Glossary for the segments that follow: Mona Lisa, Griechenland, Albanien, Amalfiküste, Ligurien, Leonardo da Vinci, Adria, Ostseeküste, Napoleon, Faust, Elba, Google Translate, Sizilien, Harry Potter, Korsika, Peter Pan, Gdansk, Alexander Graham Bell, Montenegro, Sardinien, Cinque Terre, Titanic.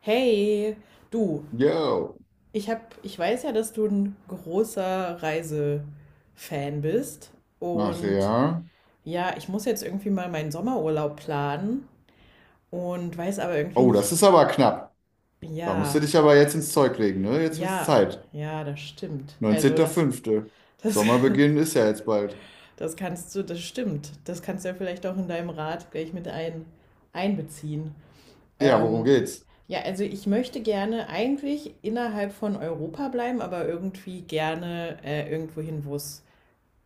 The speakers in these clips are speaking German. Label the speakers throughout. Speaker 1: Hey, du,
Speaker 2: Yo.
Speaker 1: ich weiß ja, dass du ein großer Reisefan bist
Speaker 2: Ach
Speaker 1: und
Speaker 2: ja.
Speaker 1: ja, ich muss jetzt irgendwie mal meinen Sommerurlaub planen und weiß aber irgendwie
Speaker 2: Oh, das
Speaker 1: nicht,
Speaker 2: ist aber knapp. Da musst du
Speaker 1: ja,
Speaker 2: dich aber jetzt ins Zeug legen, ne? Jetzt wird's
Speaker 1: ja,
Speaker 2: Zeit.
Speaker 1: ja, das stimmt.
Speaker 2: 19.05.
Speaker 1: Das,
Speaker 2: Sommerbeginn ist ja jetzt bald.
Speaker 1: das kannst du, das stimmt. Das kannst du ja vielleicht auch in deinem Rat gleich einbeziehen.
Speaker 2: Ja, worum
Speaker 1: Ähm,
Speaker 2: geht's?
Speaker 1: ja, also ich möchte gerne eigentlich innerhalb von Europa bleiben, aber irgendwie gerne irgendwo hin, wo es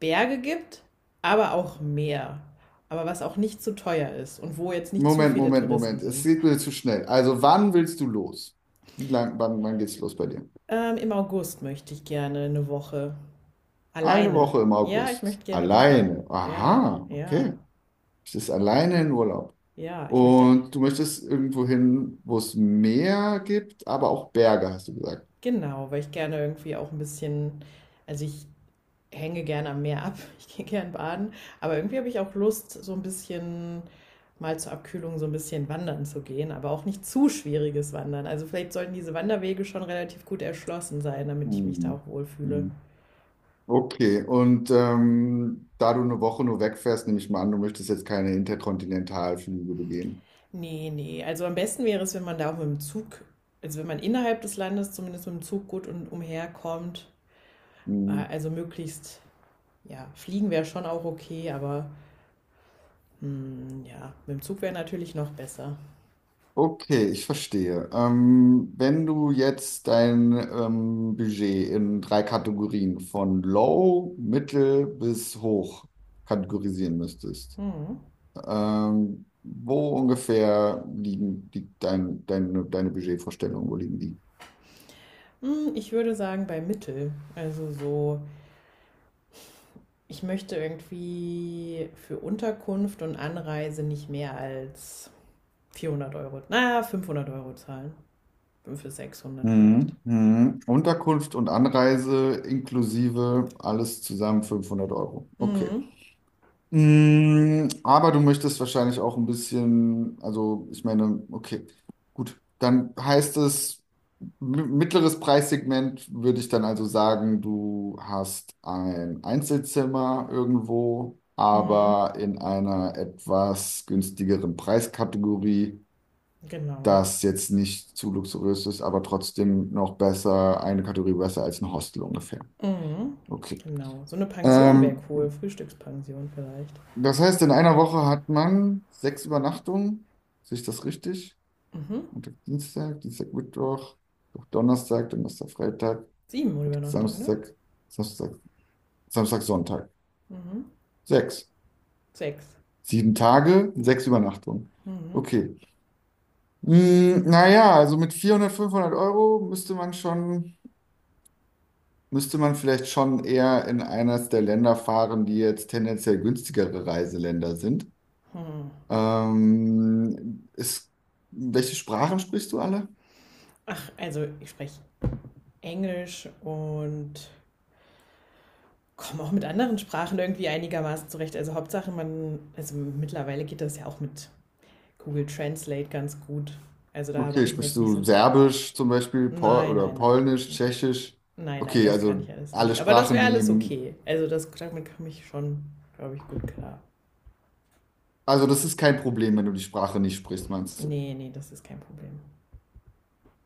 Speaker 1: Berge gibt, aber auch Meer. Aber was auch nicht zu teuer ist und wo jetzt nicht zu
Speaker 2: Moment,
Speaker 1: viele
Speaker 2: Moment,
Speaker 1: Touristen
Speaker 2: Moment. Es
Speaker 1: sind.
Speaker 2: geht mir zu schnell. Also, wann willst du los? Wie lang, wann, wann geht's los bei dir?
Speaker 1: Im August möchte ich gerne eine Woche
Speaker 2: Eine
Speaker 1: alleine.
Speaker 2: Woche im
Speaker 1: Ja, ich
Speaker 2: August.
Speaker 1: möchte gerne eine Woche.
Speaker 2: Alleine.
Speaker 1: Ja,
Speaker 2: Aha,
Speaker 1: ja,
Speaker 2: okay. Du bist alleine in Urlaub.
Speaker 1: ja, ich möchte.
Speaker 2: Und du möchtest irgendwo hin, wo es Meer gibt, aber auch Berge, hast du gesagt.
Speaker 1: Genau, weil ich gerne irgendwie auch ein bisschen. Also ich hänge gerne am Meer ab, ich gehe gern baden, aber irgendwie habe ich auch Lust, so ein bisschen mal zur Abkühlung so ein bisschen wandern zu gehen, aber auch nicht zu schwieriges Wandern. Also vielleicht sollten diese Wanderwege schon relativ gut erschlossen sein, damit ich mich da
Speaker 2: Hm.
Speaker 1: auch wohlfühle.
Speaker 2: Hm. Okay, und da du eine Woche nur wegfährst, nehme ich mal an, du möchtest jetzt keine Interkontinentalflüge begehen.
Speaker 1: Nee, nee, also am besten wäre es, wenn man da auch mit dem Zug, also wenn man innerhalb des Landes zumindest mit dem Zug gut und umherkommt.
Speaker 2: Hm,
Speaker 1: Also möglichst, ja, fliegen wäre schon auch okay, aber hm, ja, mit dem Zug wäre natürlich noch besser.
Speaker 2: Okay, ich verstehe. Wenn du jetzt dein Budget in drei Kategorien von Low, Mittel bis Hoch kategorisieren müsstest,
Speaker 1: Hm.
Speaker 2: wo ungefähr liegen die, dein, deine, deine Budgetvorstellungen, wo liegen die?
Speaker 1: Hm, ich würde sagen, bei Mittel. Also so, ich möchte irgendwie für Unterkunft und Anreise nicht mehr als 400 Euro, naja, 500 Euro zahlen. 500 bis 600 vielleicht.
Speaker 2: Mhm. Mhm. Unterkunft und Anreise inklusive alles zusammen 500 Euro. Okay.
Speaker 1: Mhm.
Speaker 2: Mhm. Aber du möchtest wahrscheinlich auch ein bisschen, also ich meine, okay, gut. Dann heißt es, mittleres Preissegment würde ich dann also sagen, du hast ein Einzelzimmer irgendwo,
Speaker 1: Mhm.
Speaker 2: aber in einer etwas günstigeren Preiskategorie,
Speaker 1: Genau.
Speaker 2: das jetzt nicht zu luxuriös ist, aber trotzdem noch besser, eine Kategorie besser als ein Hostel ungefähr.
Speaker 1: Mhm.
Speaker 2: Okay.
Speaker 1: Genau. So eine Pension wäre
Speaker 2: Ähm,
Speaker 1: cool. Frühstückspension vielleicht.
Speaker 2: Das heißt, in einer Woche hat man sechs Übernachtungen. Sehe ich das richtig?
Speaker 1: Mhm.
Speaker 2: Montag, Dienstag, Dienstag, Mittwoch, Mittwoch, Donnerstag, Donnerstag, Freitag,
Speaker 1: Sieben Übernachtungen, ne?
Speaker 2: Samstag, Samstag, Samstag, Sonntag.
Speaker 1: Mhm.
Speaker 2: Sechs.
Speaker 1: Sechs.
Speaker 2: Sieben Tage, sechs Übernachtungen.
Speaker 1: Mhm.
Speaker 2: Okay. Hm, naja, also mit 400, 500 Euro müsste man schon, müsste man vielleicht schon eher in eines der Länder fahren, die jetzt tendenziell günstigere Reiseländer sind. Ist, welche Sprachen sprichst du alle?
Speaker 1: Ach, also ich spreche Englisch und komme auch mit anderen Sprachen irgendwie einigermaßen zurecht. Also Hauptsache man, also mittlerweile geht das ja auch mit Google Translate ganz gut. Also da
Speaker 2: Okay,
Speaker 1: mache ich mir
Speaker 2: sprichst
Speaker 1: jetzt nicht so,
Speaker 2: du Serbisch zum Beispiel, Pol
Speaker 1: nein,
Speaker 2: oder
Speaker 1: nein, nein,
Speaker 2: Polnisch, Tschechisch?
Speaker 1: nein, nein,
Speaker 2: Okay,
Speaker 1: das kann
Speaker 2: also
Speaker 1: ich alles
Speaker 2: alle
Speaker 1: nicht. Aber das
Speaker 2: Sprachen,
Speaker 1: wäre alles
Speaker 2: die...
Speaker 1: okay. Also das, damit komme ich schon, glaube ich, gut klar.
Speaker 2: Also das ist kein Problem, wenn du die Sprache nicht sprichst, meinst du?
Speaker 1: Nee, nee, das ist kein Problem.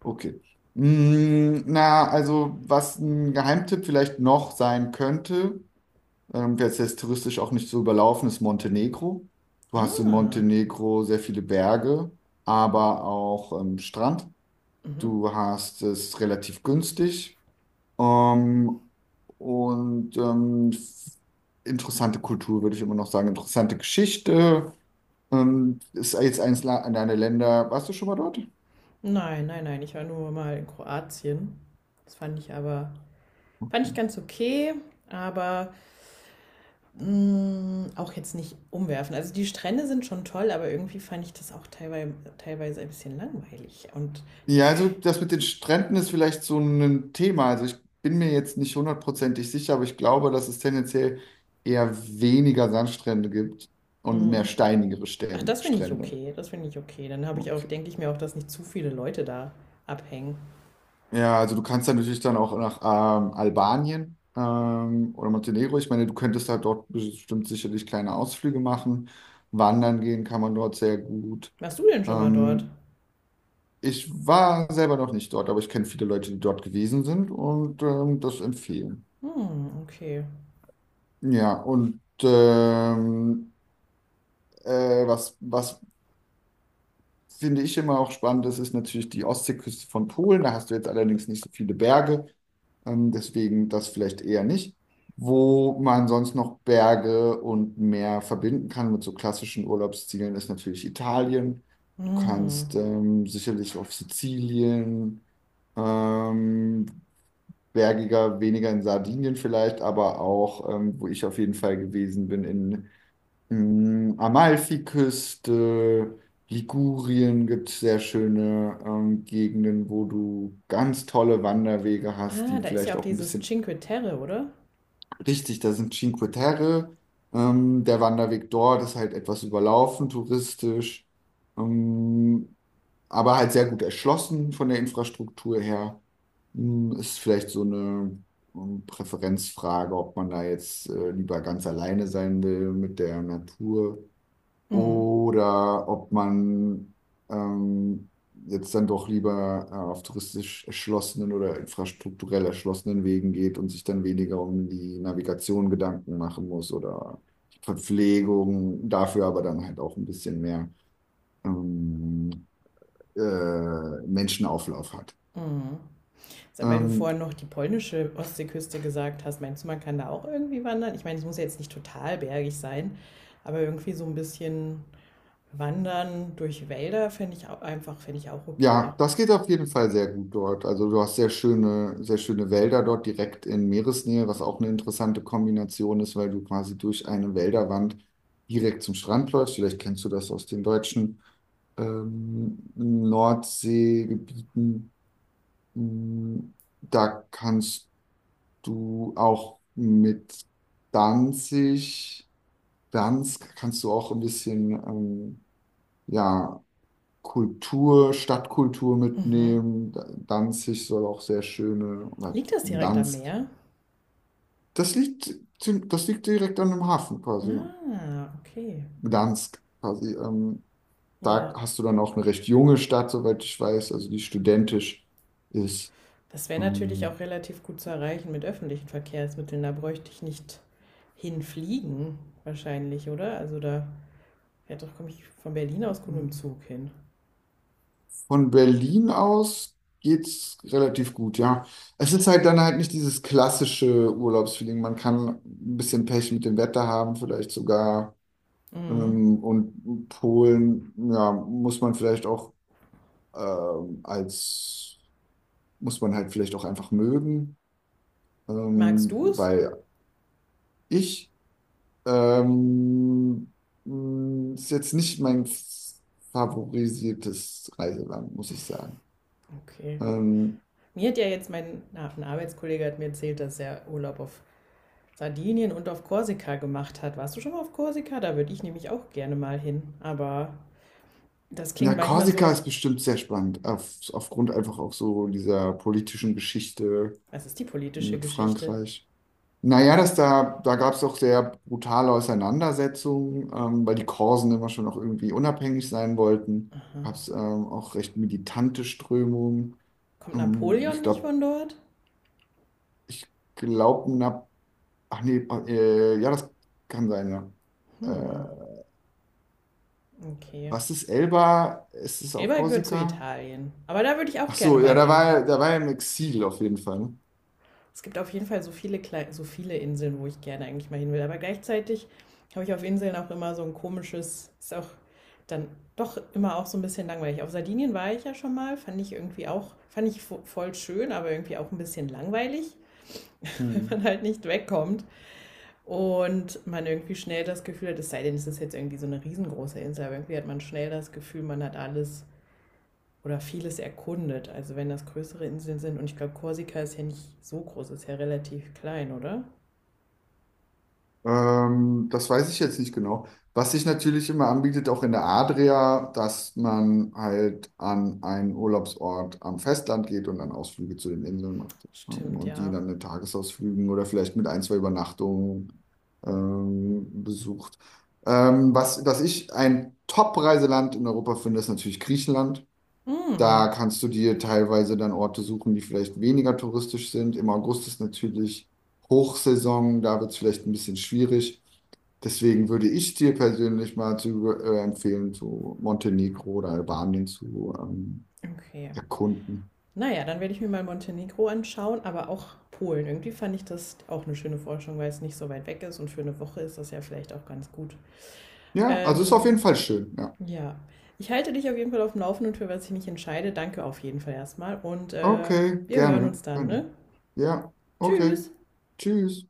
Speaker 2: Okay. Mm, na, also was ein Geheimtipp vielleicht noch sein könnte, jetzt touristisch auch nicht so überlaufen ist Montenegro. Du hast in
Speaker 1: Ah,
Speaker 2: Montenegro sehr viele Berge, aber auch Strand.
Speaker 1: mhm.
Speaker 2: Du hast es relativ günstig, ähm, und interessante Kultur, würde ich immer noch sagen, interessante Geschichte. Ist jetzt eins an deine Länder. Warst du schon mal dort?
Speaker 1: Nein, nein, nein, ich war nur mal in Kroatien. Das fand ich aber, fand ich ganz okay, aber mm, auch jetzt nicht umwerfen. Also die Strände sind schon toll, aber irgendwie fand ich das auch teilweise ein bisschen langweilig. Und die
Speaker 2: Ja,
Speaker 1: Kü
Speaker 2: also das mit den Stränden ist vielleicht so ein Thema. Also ich bin mir jetzt nicht 100-prozentig sicher, aber ich glaube, dass es tendenziell eher weniger Sandstrände gibt und mehr
Speaker 1: mm.
Speaker 2: steinigere
Speaker 1: Ach,
Speaker 2: Strände.
Speaker 1: das finde ich
Speaker 2: Strände.
Speaker 1: okay. Das finde ich okay. Dann habe ich auch,
Speaker 2: Okay.
Speaker 1: denke ich mir auch, dass nicht zu viele Leute da abhängen.
Speaker 2: Ja, also du kannst dann natürlich dann auch nach Albanien oder Montenegro. Ich meine, du könntest da dort bestimmt sicherlich kleine Ausflüge machen. Wandern gehen kann man dort sehr gut.
Speaker 1: Warst du denn schon mal dort?
Speaker 2: Ähm, Ich war selber noch nicht dort, aber ich kenne viele Leute, die dort gewesen sind und das empfehlen.
Speaker 1: Hm, okay.
Speaker 2: Ja, und was, was finde ich immer auch spannend ist, ist natürlich die Ostseeküste von Polen. Da hast du jetzt allerdings nicht so viele Berge, deswegen das vielleicht eher nicht. Wo man sonst noch Berge und Meer verbinden kann mit so klassischen Urlaubszielen, ist natürlich Italien. Du
Speaker 1: Hm.
Speaker 2: kannst sicherlich auf Sizilien, ähm, bergiger, weniger in Sardinien vielleicht, aber auch, wo ich auf jeden Fall gewesen bin, in Mm, Amalfiküste, Ligurien gibt es sehr schöne Gegenden, wo du ganz tolle Wanderwege hast,
Speaker 1: Ah,
Speaker 2: die
Speaker 1: da ist ja
Speaker 2: vielleicht
Speaker 1: auch
Speaker 2: auch ein
Speaker 1: dieses
Speaker 2: bisschen
Speaker 1: Cinque Terre, oder?
Speaker 2: richtig, da sind Cinque Terre. Der Wanderweg dort ist halt etwas überlaufen, touristisch, ähm, aber halt sehr gut erschlossen von der Infrastruktur her. Mm, ist vielleicht so eine Präferenzfrage, ob man da jetzt lieber ganz alleine sein will mit der Natur
Speaker 1: Hm.
Speaker 2: oder ob man ähm, jetzt dann doch lieber auf touristisch erschlossenen oder infrastrukturell erschlossenen Wegen geht und sich dann weniger um die Navigation Gedanken machen muss oder die Verpflegung, dafür aber dann halt auch ein bisschen mehr ähm, Menschenauflauf hat.
Speaker 1: Hm. Weil du
Speaker 2: Ähm,
Speaker 1: vorhin noch die polnische Ostseeküste gesagt hast, meinst du, man kann da auch irgendwie wandern? Ich meine, es muss ja jetzt nicht total bergig sein, aber irgendwie so ein bisschen wandern durch Wälder finde ich auch einfach, finde ich auch okay.
Speaker 2: Ja, das geht auf jeden Fall sehr gut dort. Also du hast sehr schöne Wälder dort direkt in Meeresnähe, was auch eine interessante Kombination ist, weil du quasi durch eine Wälderwand direkt zum Strand läufst. Vielleicht kennst du das aus den deutschen Nordseegebieten. Mm, da kannst du auch mit Danzig, Danzig kannst du auch ein bisschen ja, Kultur, Stadtkultur
Speaker 1: Mhm.
Speaker 2: mitnehmen. Danzig soll auch sehr schöne, oder
Speaker 1: Liegt das direkt am
Speaker 2: Gdansk.
Speaker 1: Meer?
Speaker 2: Das liegt, das liegt direkt an dem Hafen quasi, ja.
Speaker 1: Ah, okay.
Speaker 2: Gdansk quasi. Da
Speaker 1: Ja.
Speaker 2: hast du dann auch eine recht junge Stadt, soweit ich weiß, also die studentisch ist.
Speaker 1: Das wäre natürlich auch
Speaker 2: Ähm,
Speaker 1: relativ gut zu erreichen mit öffentlichen Verkehrsmitteln. Da bräuchte ich nicht hinfliegen, wahrscheinlich, oder? Also da ja, doch komme ich von Berlin aus gut mit dem Zug hin.
Speaker 2: von Berlin aus geht's relativ gut, ja. Es ist halt dann halt nicht dieses klassische Urlaubsfeeling. Man kann ein bisschen Pech mit dem Wetter haben, vielleicht sogar.
Speaker 1: Mhm.
Speaker 2: Und Polen, ja, muss man vielleicht auch als, muss man halt vielleicht auch einfach mögen,
Speaker 1: Magst
Speaker 2: ähm,
Speaker 1: du es?
Speaker 2: weil ich ähm, ist jetzt nicht mein favorisiertes Reiseland, muss ich sagen.
Speaker 1: Okay.
Speaker 2: Ähm,
Speaker 1: Mir hat ja jetzt ein Arbeitskollege hat mir erzählt, dass er Urlaub auf Sardinien und auf Korsika gemacht hat. Warst du schon mal auf Korsika? Da würde ich nämlich auch gerne mal hin. Aber das klingt
Speaker 2: ja,
Speaker 1: manchmal so,
Speaker 2: Korsika ist bestimmt sehr spannend, auf, aufgrund einfach auch so dieser politischen Geschichte
Speaker 1: was ist die politische
Speaker 2: mit
Speaker 1: Geschichte?
Speaker 2: Frankreich. Naja, das da, da gab es doch sehr brutale Auseinandersetzungen, weil die Korsen immer schon noch irgendwie unabhängig sein wollten.
Speaker 1: Aha.
Speaker 2: Gab es auch recht militante Strömungen.
Speaker 1: Kommt
Speaker 2: Ähm,
Speaker 1: Napoleon
Speaker 2: ich
Speaker 1: nicht
Speaker 2: glaube,
Speaker 1: von dort?
Speaker 2: ich glaube, na, ach nee, oh, ja, das kann sein, ja.
Speaker 1: Hm,
Speaker 2: Äh,
Speaker 1: okay.
Speaker 2: Was ist Elba? Ist es auf
Speaker 1: Elba gehört zu
Speaker 2: Korsika?
Speaker 1: Italien. Aber da würde ich auch
Speaker 2: Ach
Speaker 1: gerne
Speaker 2: so, ja,
Speaker 1: mal hin.
Speaker 2: da war er im Exil auf jeden Fall, ne?
Speaker 1: Es gibt auf jeden Fall so viele, Kle so viele Inseln, wo ich gerne eigentlich mal hin will. Aber gleichzeitig habe ich auf Inseln auch immer so ein komisches, ist auch dann doch immer auch so ein bisschen langweilig. Auf Sardinien war ich ja schon mal, fand ich irgendwie auch, fand ich voll schön, aber irgendwie auch ein bisschen langweilig, wenn
Speaker 2: Hm.
Speaker 1: man halt nicht wegkommt und man irgendwie schnell das Gefühl hat, es sei denn, es ist jetzt irgendwie so eine riesengroße Insel, aber irgendwie hat man schnell das Gefühl, man hat alles oder vieles erkundet. Also wenn das größere Inseln sind und ich glaube, Korsika ist ja nicht so groß, ist ja relativ klein, oder?
Speaker 2: Das weiß ich jetzt nicht genau. Was sich natürlich immer anbietet, auch in der Adria, dass man halt an einen Urlaubsort am Festland geht und dann Ausflüge zu den Inseln macht, ja.
Speaker 1: Stimmt,
Speaker 2: Und die
Speaker 1: ja.
Speaker 2: dann in Tagesausflügen oder vielleicht mit ein, zwei Übernachtungen besucht. Was, was ich ein Top-Reiseland in Europa finde, ist natürlich Griechenland.
Speaker 1: Mm,
Speaker 2: Da kannst du dir teilweise dann Orte suchen, die vielleicht weniger touristisch sind. Im August ist natürlich Hochsaison, da wird es vielleicht ein bisschen schwierig. Deswegen würde ich dir persönlich mal zu, empfehlen, zu Montenegro oder Albanien zu
Speaker 1: okay.
Speaker 2: erkunden.
Speaker 1: Naja, dann werde ich mir mal Montenegro anschauen, aber auch Polen. Irgendwie fand ich das auch eine schöne Forschung, weil es nicht so weit weg ist und für eine Woche ist das ja vielleicht auch ganz gut.
Speaker 2: Ja, also ist auf
Speaker 1: Ähm,
Speaker 2: jeden Fall schön. Ja.
Speaker 1: ja. Ich halte dich auf jeden Fall auf dem Laufenden für was ich mich entscheide. Danke auf jeden Fall erstmal und
Speaker 2: Okay,
Speaker 1: wir hören uns
Speaker 2: gerne,
Speaker 1: dann,
Speaker 2: gerne.
Speaker 1: ne?
Speaker 2: Ja, okay.
Speaker 1: Tschüss!
Speaker 2: Tschüss.